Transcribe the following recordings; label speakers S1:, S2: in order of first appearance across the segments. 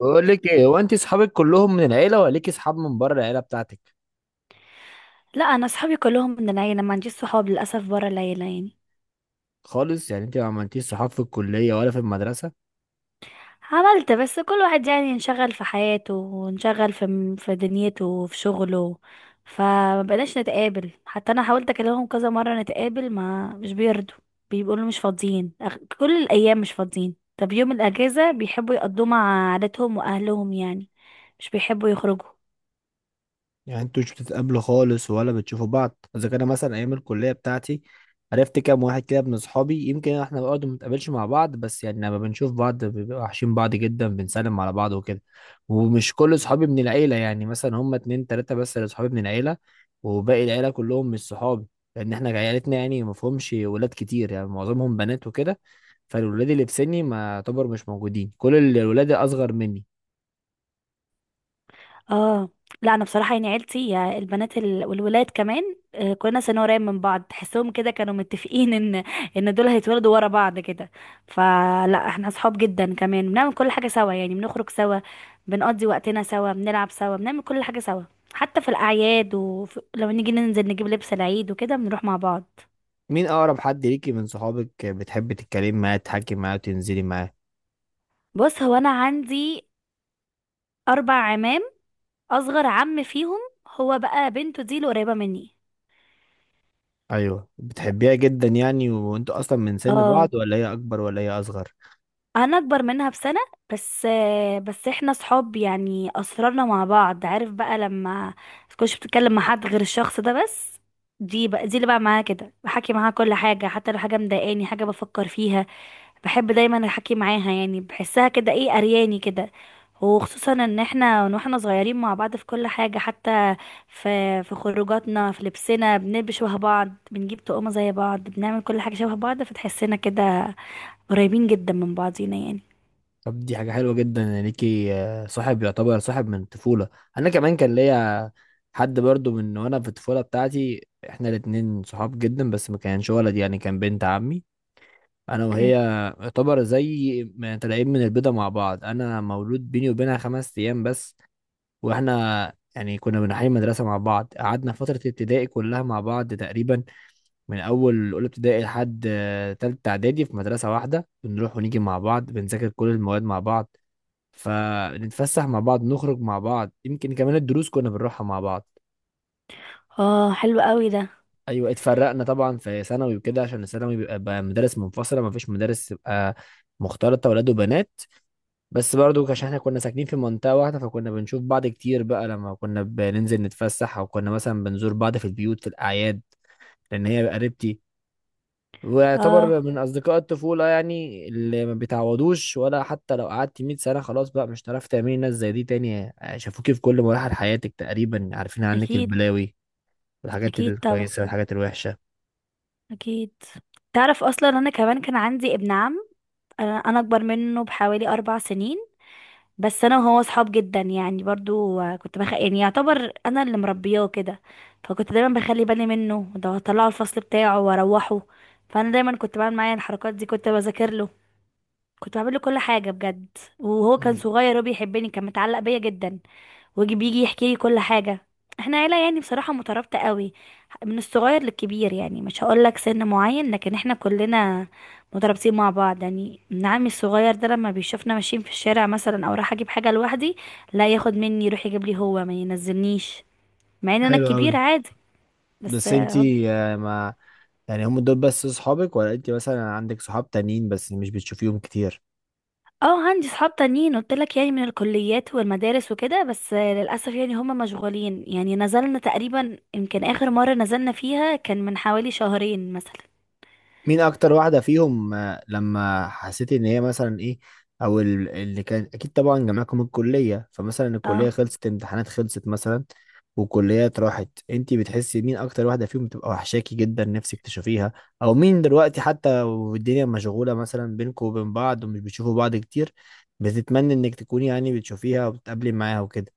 S1: بقول لك ايه، هو انت اصحابك كلهم من العيله ولا ليكي اصحاب من بره العيله بتاعتك؟
S2: لا، انا صحابي كلهم من العيله، ما عنديش صحاب للاسف بره العيله يعني.
S1: خالص، يعني انت ما عملتيش صحاب في الكليه ولا في المدرسه؟
S2: عملت بس كل واحد يعني انشغل في حياته وانشغل في دنيته وفي شغله. فما بقناش نتقابل، حتى انا حاولت اكلمهم كذا مره نتقابل ما مش بيرضوا، بيقولوا مش فاضيين، كل الايام مش فاضيين. طب يوم الاجازه بيحبوا يقضوه مع عائلتهم واهلهم يعني، مش بيحبوا يخرجوا.
S1: يعني انتوا مش بتتقابلوا خالص ولا بتشوفوا بعض؟ اذا كان مثلا ايام الكليه بتاعتي، عرفت كام واحد كده من اصحابي، يمكن احنا برضه ما بنتقابلش مع بعض، بس يعني لما بنشوف بعض بنبقى وحشين بعض جدا، بنسلم على بعض وكده. ومش كل اصحابي من العيله، يعني مثلا هم اتنين تلاته بس اللي اصحابي من العيله، وباقي العيله كلهم مش صحابي. لان احنا عيلتنا يعني ما فيهمش ولاد كتير، يعني معظمهم بنات وكده. فالولاد اللي في سني ما يعتبر مش موجودين، كل الولاد الاصغر مني.
S2: اه. لا انا بصراحه يعني عيلتي يا البنات والولاد كمان، كنا سنة قريب من بعض، تحسهم كده كانوا متفقين ان دول هيتولدوا ورا بعض كده. فلا احنا اصحاب جدا، كمان بنعمل كل حاجه سوا، يعني بنخرج سوا، بنقضي وقتنا سوا، بنلعب سوا، بنعمل كل حاجه سوا. حتى في الاعياد ولما نيجي ننزل نجيب لبس العيد وكده بنروح مع بعض.
S1: مين اقرب حد ليكي من صحابك بتحبي تتكلمي معاه، تحكي معاه، وتنزلي معاه؟
S2: بص، هو انا عندي اربع عمام، اصغر عم فيهم هو بقى بنته دي اللي قريبه مني.
S1: ايوه، بتحبيها جدا يعني؟ وانتوا اصلا من سن
S2: اه.
S1: بعض ولا هي اكبر ولا هي اصغر؟
S2: انا اكبر منها بسنة بس. بس احنا صحاب، يعني اسرارنا مع بعض، عارف بقى لما تكونش بتتكلم مع حد غير الشخص ده بس. دي بقى، دي اللي بقى معاها كده، بحكي معاها كل حاجة، حتى لو حاجة مضايقاني، حاجة بفكر فيها بحب دايما احكي معاها، يعني بحسها كده ايه، ارياني كده. وخصوصا ان احنا من واحنا صغيرين مع بعض في كل حاجة، حتى في في خروجاتنا، في لبسنا، بنلبس شبه بعض، بنجيب طقم زي بعض، بنعمل كل حاجة شبه بعض، فتحسنا كده قريبين جدا من بعضينا يعني.
S1: طب دي حاجه حلوه جدا ان ليكي صاحب يعتبر صاحب من الطفوله. انا كمان كان ليا حد برضو من وانا في الطفوله بتاعتي، احنا الاتنين صحاب جدا، بس ما كانش ولد، يعني كان بنت عمي. انا وهي
S2: اوكي.
S1: يعتبر زي ما طالعين من البيضه مع بعض، انا مولود بيني وبينها خمس ايام بس. واحنا يعني كنا بنحيي مدرسة مع بعض، قعدنا فترة ابتدائي كلها مع بعض تقريبا. من أول أولى ابتدائي لحد تالتة إعدادي في مدرسة واحدة، بنروح ونيجي مع بعض، بنذاكر كل المواد مع بعض، فنتفسح مع بعض، نخرج مع بعض، يمكن كمان الدروس كنا بنروحها مع بعض.
S2: اه حلو قوي ده.
S1: أيوة، اتفرقنا طبعا في ثانوي وكده، عشان الثانوي بيبقى بقى مدارس منفصلة، مفيش مدارس تبقى مختلطة ولاد وبنات. بس برضو عشان احنا كنا ساكنين في منطقة واحدة، فكنا بنشوف بعض كتير بقى، لما كنا بننزل نتفسح او كنا مثلا بنزور بعض في البيوت في الاعياد. لان هي قريبتي،
S2: اه،
S1: ويعتبر من اصدقاء الطفولة يعني، اللي ما بيتعوضوش. ولا حتى لو قعدت 100 سنة خلاص بقى مش هتعرفي تعملي ناس زي دي تاني، شافوكي في كل مراحل حياتك تقريبا، عارفين عنك
S2: اكيد.
S1: البلاوي والحاجات
S2: اكيد طبعا.
S1: الكويسة والحاجات الوحشة.
S2: اكيد. تعرف اصلا انا كمان كان عندي ابن عم، أنا اكبر منه بحوالي 4 سنين بس. انا وهو صحاب جدا، يعني برضو، يعني يعتبر انا اللي مربياه كده. فكنت دايما بخلي بالي منه، ده اطلعه الفصل بتاعه واروحه. فانا دايما كنت بعمل معايا الحركات دي، كنت بذاكر له، كنت بعمل له كل حاجه بجد. وهو كان صغير وبيحبني، كان متعلق بيا جدا، ويجي بيجي يحكي لي كل حاجة. احنا عيلة يعني بصراحة مترابطة قوي، من الصغير للكبير، يعني مش هقول لك سن معين، لكن احنا كلنا مترابطين مع بعض. يعني ابن عمي الصغير ده لما بيشوفنا ماشيين في الشارع مثلا، او رايح اجيب حاجة لوحدي، لا، ياخد مني يروح يجيب لي، هو ما ينزلنيش، مع ان انا
S1: حلو قوي.
S2: الكبير عادي. بس
S1: بس
S2: اه.
S1: انتي آه، ما يعني هم دول بس صحابك، ولا انتي مثلا عندك صحاب تانيين بس مش بتشوفيهم كتير؟
S2: عندي صحاب تانيين قلت لك يعني، من الكليات والمدارس وكده، بس للاسف يعني هم مشغولين، يعني نزلنا تقريبا يمكن اخر مرة نزلنا فيها كان من حوالي شهرين مثلا.
S1: مين اكتر واحده فيهم لما حسيت ان هي مثلا ايه، او اللي كان اكيد طبعا جامعكم الكليه، فمثلا الكليه
S2: اه.
S1: خلصت، امتحانات خلصت مثلا، وكليات راحت، انت بتحسي مين اكتر واحده فيهم بتبقى وحشاكي جدا نفسك تشوفيها؟ او مين دلوقتي حتى والدنيا مشغوله مثلا بينكم وبين بعض ومش بتشوفوا بعض كتير، بتتمنى انك تكوني يعني بتشوفيها وبتقابلي معاها وكده؟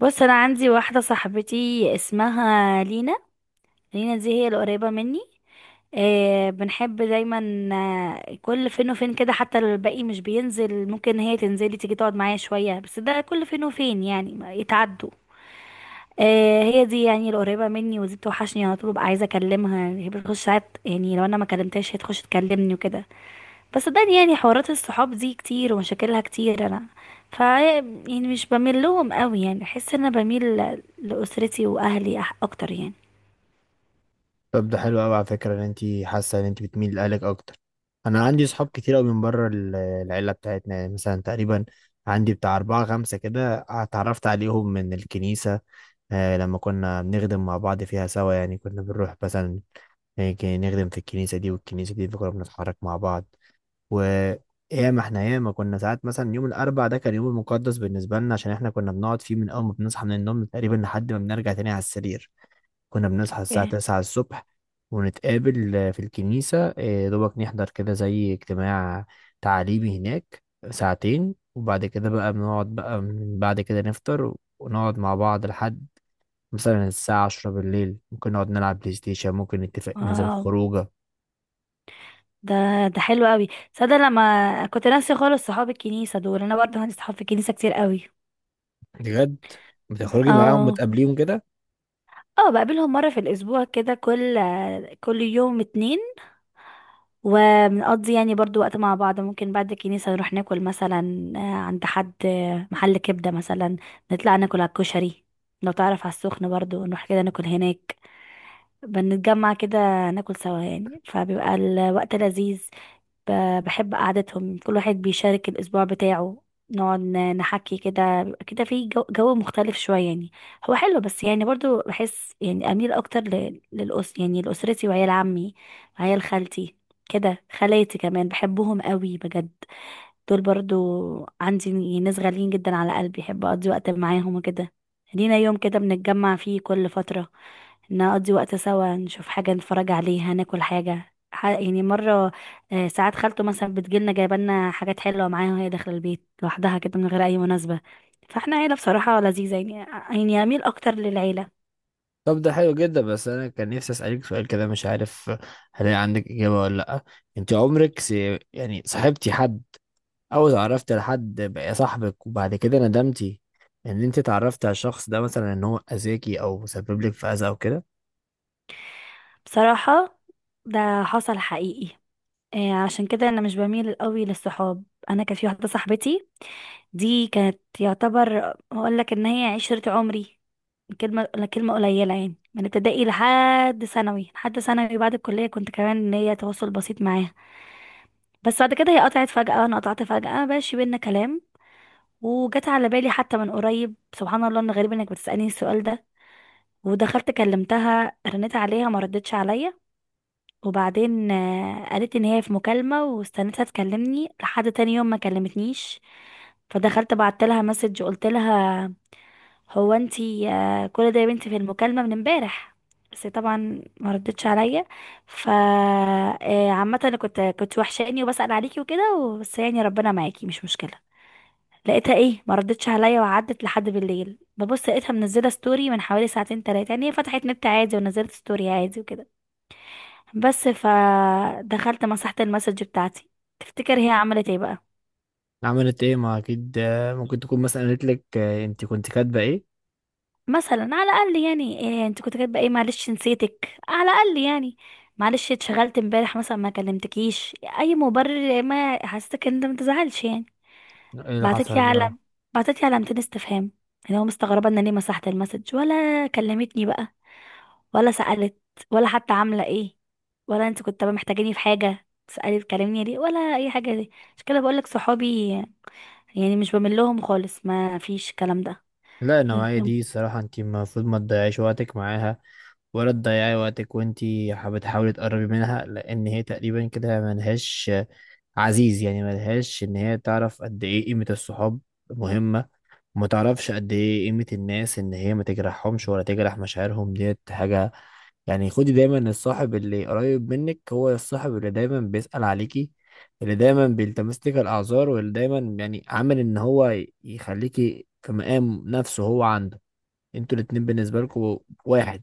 S2: بص، انا عندي واحده صاحبتي اسمها لينا. لينا دي هي القريبه مني. بنحب دايما، كل فين وفين كده، حتى لو الباقي مش بينزل ممكن هي تنزلي تيجي تقعد معايا شويه، بس ده كل فين وفين، يعني ما يتعدوا. هي دي يعني القريبه مني، ودي بتوحشني على طول، ببقى عايزه اكلمها، هي بتخش ساعات يعني لو انا ما كلمتهاش هي تخش تكلمني وكده. بس صدقني يعني حوارات الصحاب دي كتير ومشاكلها كتير، انا ف يعني مش بميل لهم قوي، يعني احس ان انا بميل لاسرتي واهلي اكتر يعني.
S1: طب ده حلو قوي على فكرة، ان انت حاسة ان انت بتميل لأهلك اكتر. انا عندي صحاب كتير قوي من بره العيلة بتاعتنا، يعني مثلا تقريبا عندي بتاع أربعة خمسة كده اتعرفت عليهم من الكنيسة. لما كنا بنخدم مع بعض فيها سوا، يعني كنا بنروح مثلا هيك نخدم في الكنيسة دي والكنيسة دي، فكنا بنتحرك مع بعض. وياما احنا ياما كنا ساعات مثلا، يوم الأربع ده كان يوم مقدس بالنسبة لنا، عشان احنا كنا بنقعد فيه من أول ما بنصحى من النوم تقريبا لحد ما بنرجع تاني على السرير. كنا بنصحى الساعة
S2: اوكي.
S1: تسعة الصبح ونتقابل في الكنيسة، دوبك نحضر كده زي اجتماع تعليمي هناك ساعتين، وبعد كده بقى بنقعد بقى من بعد كده نفطر، ونقعد مع بعض لحد مثلا الساعة عشرة بالليل، ممكن نقعد نلعب بلاي ستيشن، ممكن نتفق ننزل
S2: واو.
S1: خروجة.
S2: ده ده حلو قوي. صدق لما كنت ناسي خالص صحاب الكنيسه دول، انا برضه عندي صحاب في الكنيسه كتير قوي.
S1: بجد بتخرجي معاهم
S2: اه.
S1: وتقابليهم كده؟
S2: اه بقابلهم مره في الاسبوع كده، كل يوم اتنين. وبنقضي يعني برضو وقت مع بعض، ممكن بعد الكنيسة نروح ناكل مثلا عند حد، محل كبدة مثلا، نطلع ناكل على الكشري، لو تعرف على السخن برضو نروح كده ناكل هناك. بنتجمع كده، ناكل سوا يعني، فبيبقى الوقت لذيذ. بحب قعدتهم، كل واحد بيشارك الأسبوع بتاعه، نقعد نحكي كده، بيبقى كده في جو مختلف شوية يعني. هو حلو بس يعني برضو بحس يعني أميل أكتر يعني لأسرتي وعيال عمي وعيال خالتي كده. خالاتي كمان بحبهم قوي بجد، دول برضو عندي ناس غاليين جدا على قلبي، بحب اقضي وقت معاهم وكده. لينا يوم كده بنتجمع فيه كل فترة، نقضي وقت سوا، نشوف حاجة نتفرج عليها، ناكل حاجة، يعني مرة ساعات خالته مثلا بتجيلنا جايبالنا حاجات حلوة معاها، وهي داخلة البيت لوحدها كده من غير أي مناسبة. فاحنا عيلة بصراحة لذيذة يعني أميل أكتر للعيلة.
S1: طب ده حلو جدا. بس أنا كان نفسي أسألك سؤال كده، مش عارف هلاقي عندك إجابة ولا لأ. أنت عمرك يعني صاحبتي حد او اتعرفت لحد بقى صاحبك وبعد كده ندمتي ان انت اتعرفت على الشخص ده، مثلا ان هو اذاكي او سبب لك في اذى او كده؟
S2: بصراحة ده حصل حقيقي. عشان كده انا مش بميل قوي للصحاب. انا كان في واحده صاحبتي، دي كانت يعتبر اقول لك ان هي عشرة عمري. كلمه كلمه قليله يعني، من ابتدائي لحد ثانوي، لحد ثانوي بعد الكليه كنت كمان ان هي تواصل بسيط معاها. بس بعد كده هي قطعت فجاه، انا قطعت فجاه، مبقاش بينا كلام. وجت على بالي حتى من قريب، سبحان الله، ان غريب انك بتسالني السؤال ده. ودخلت كلمتها، رنيت عليها ما ردتش عليا. وبعدين قالت ان هي في مكالمة، واستنتها تكلمني لحد تاني يوم ما كلمتنيش. فدخلت بعت لها مسج، قلت لها: هو انتي كل ده يا بنتي في المكالمة من امبارح؟ بس هي طبعا ما ردتش عليا. عامة انا كنت وحشاني وبسأل عليكي وكده، بس يعني ربنا معاكي مش مشكلة. لقيتها ايه ما ردتش عليا، وعدت لحد بالليل ببص لقيتها منزله ستوري من حوالي ساعتين 3، يعني هي فتحت نت عادي ونزلت ستوري عادي وكده بس. فدخلت مسحت المسج بتاعتي. تفتكر هي عملت ايه بقى؟
S1: عملت ايه؟ ما اكيد ممكن تكون مثلا قالت لك انت كنت كاتبه ايه.
S2: مثلا على الاقل يعني إيه انت كنت كاتبه ايه؟ معلش نسيتك، على الاقل يعني معلش اتشغلت امبارح مثلا ما كلمتكيش، اي مبرر ما حسيتك ان انت ما تزعلش يعني.
S1: ايه اللي
S2: بعتت لي
S1: حصل بقى؟
S2: علم بعتت لي علامتين استفهام، اللي هو مستغربه ان أنا ليه مسحت المسج، ولا كلمتني بقى، ولا سالت، ولا حتى عامله ايه، ولا انت كنت محتاجاني في حاجه تسالي تكلمني ليه، ولا اي حاجه. دي عشان كده بقول لك صحابي يعني مش بمل لهم خالص، ما فيش الكلام ده.
S1: لا، النوعية دي الصراحة انت المفروض ما تضيعيش وقتك معاها، ولا تضيعي وقتك وانت حابة بتحاولي تقربي منها، لان هي تقريبا كده ملهاش عزيز، يعني ملهاش ان هي تعرف قد ايه قيمة الصحاب مهمة، ما تعرفش قد ايه قيمة الناس ان هي ما تجرحهمش ولا تجرح مشاعرهم ديت حاجة. يعني خدي دايما الصاحب اللي قريب منك هو الصاحب اللي دايما بيسأل عليكي، اللي دايما بيلتمس لك الأعذار، واللي دايما يعني عامل ان هو يخليكي في مقام نفسه هو عنده، انتوا الاتنين بالنسبة لكم واحد.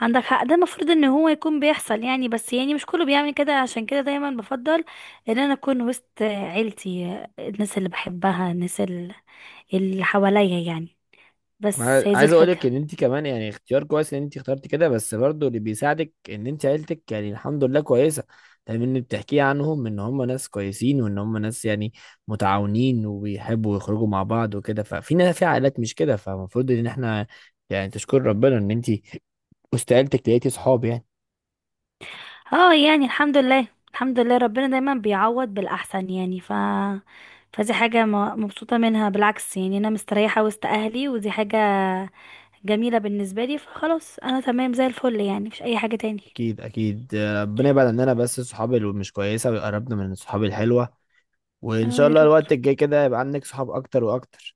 S2: عندك حق، ده المفروض ان هو يكون بيحصل يعني، بس يعني مش كله بيعمل كده، عشان كده دايما بفضل ان انا اكون وسط عيلتي، الناس اللي بحبها، الناس اللي حواليا يعني.
S1: انا
S2: بس هي دي
S1: عايز اقول
S2: الفكرة.
S1: لك ان انت كمان يعني اختيار كويس ان انت اخترتي كده، بس برضو اللي بيساعدك ان انت عيلتك يعني الحمد لله كويسه، لان اللي بتحكيه عنهم ان هم ناس كويسين، وان هم ناس يعني متعاونين وبيحبوا يخرجوا مع بعض وكده. ففي ناس في عائلات مش كده، فالمفروض ان احنا يعني تشكر ربنا ان انت وسط عيلتك لقيتي صحاب يعني.
S2: اه يعني الحمد لله، الحمد لله، ربنا دايما بيعوض بالاحسن يعني. فدي حاجة مبسوطة منها بالعكس، يعني انا مستريحة وسط اهلي، ودي حاجة جميلة بالنسبة لي، فخلاص انا تمام زي الفل يعني، مفيش اي حاجة تاني.
S1: اكيد اكيد، ربنا يبعد عننا بس الصحاب اللي مش كويسه، ويقربنا من الصحاب الحلوه، وان
S2: اه
S1: شاء
S2: يا
S1: الله
S2: رب،
S1: الوقت الجاي كده يبقى عندك صحاب اكتر واكتر.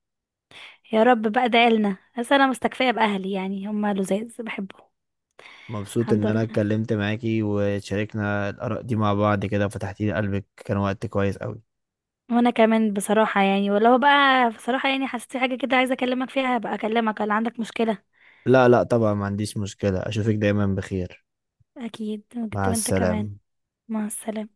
S2: يا رب بقى ده قالنا، بس انا مستكفيه باهلي يعني هم لزاز بحبهم.
S1: مبسوط
S2: الحمد
S1: ان انا
S2: لله.
S1: اتكلمت معاكي وشاركنا الاراء دي مع بعض كده وفتحتي لي قلبك، كان وقت كويس قوي.
S2: وانا كمان بصراحه يعني، ولو بقى بصراحه يعني حسيت حاجه كده عايزه اكلمك فيها هبقى اكلمك، لو عندك مشكله.
S1: لا لا طبعا، ما عنديش مشكلة، اشوفك دايما بخير.
S2: اكيد. كنت
S1: مع
S2: وانت كمان.
S1: السلامة.
S2: مع السلامه.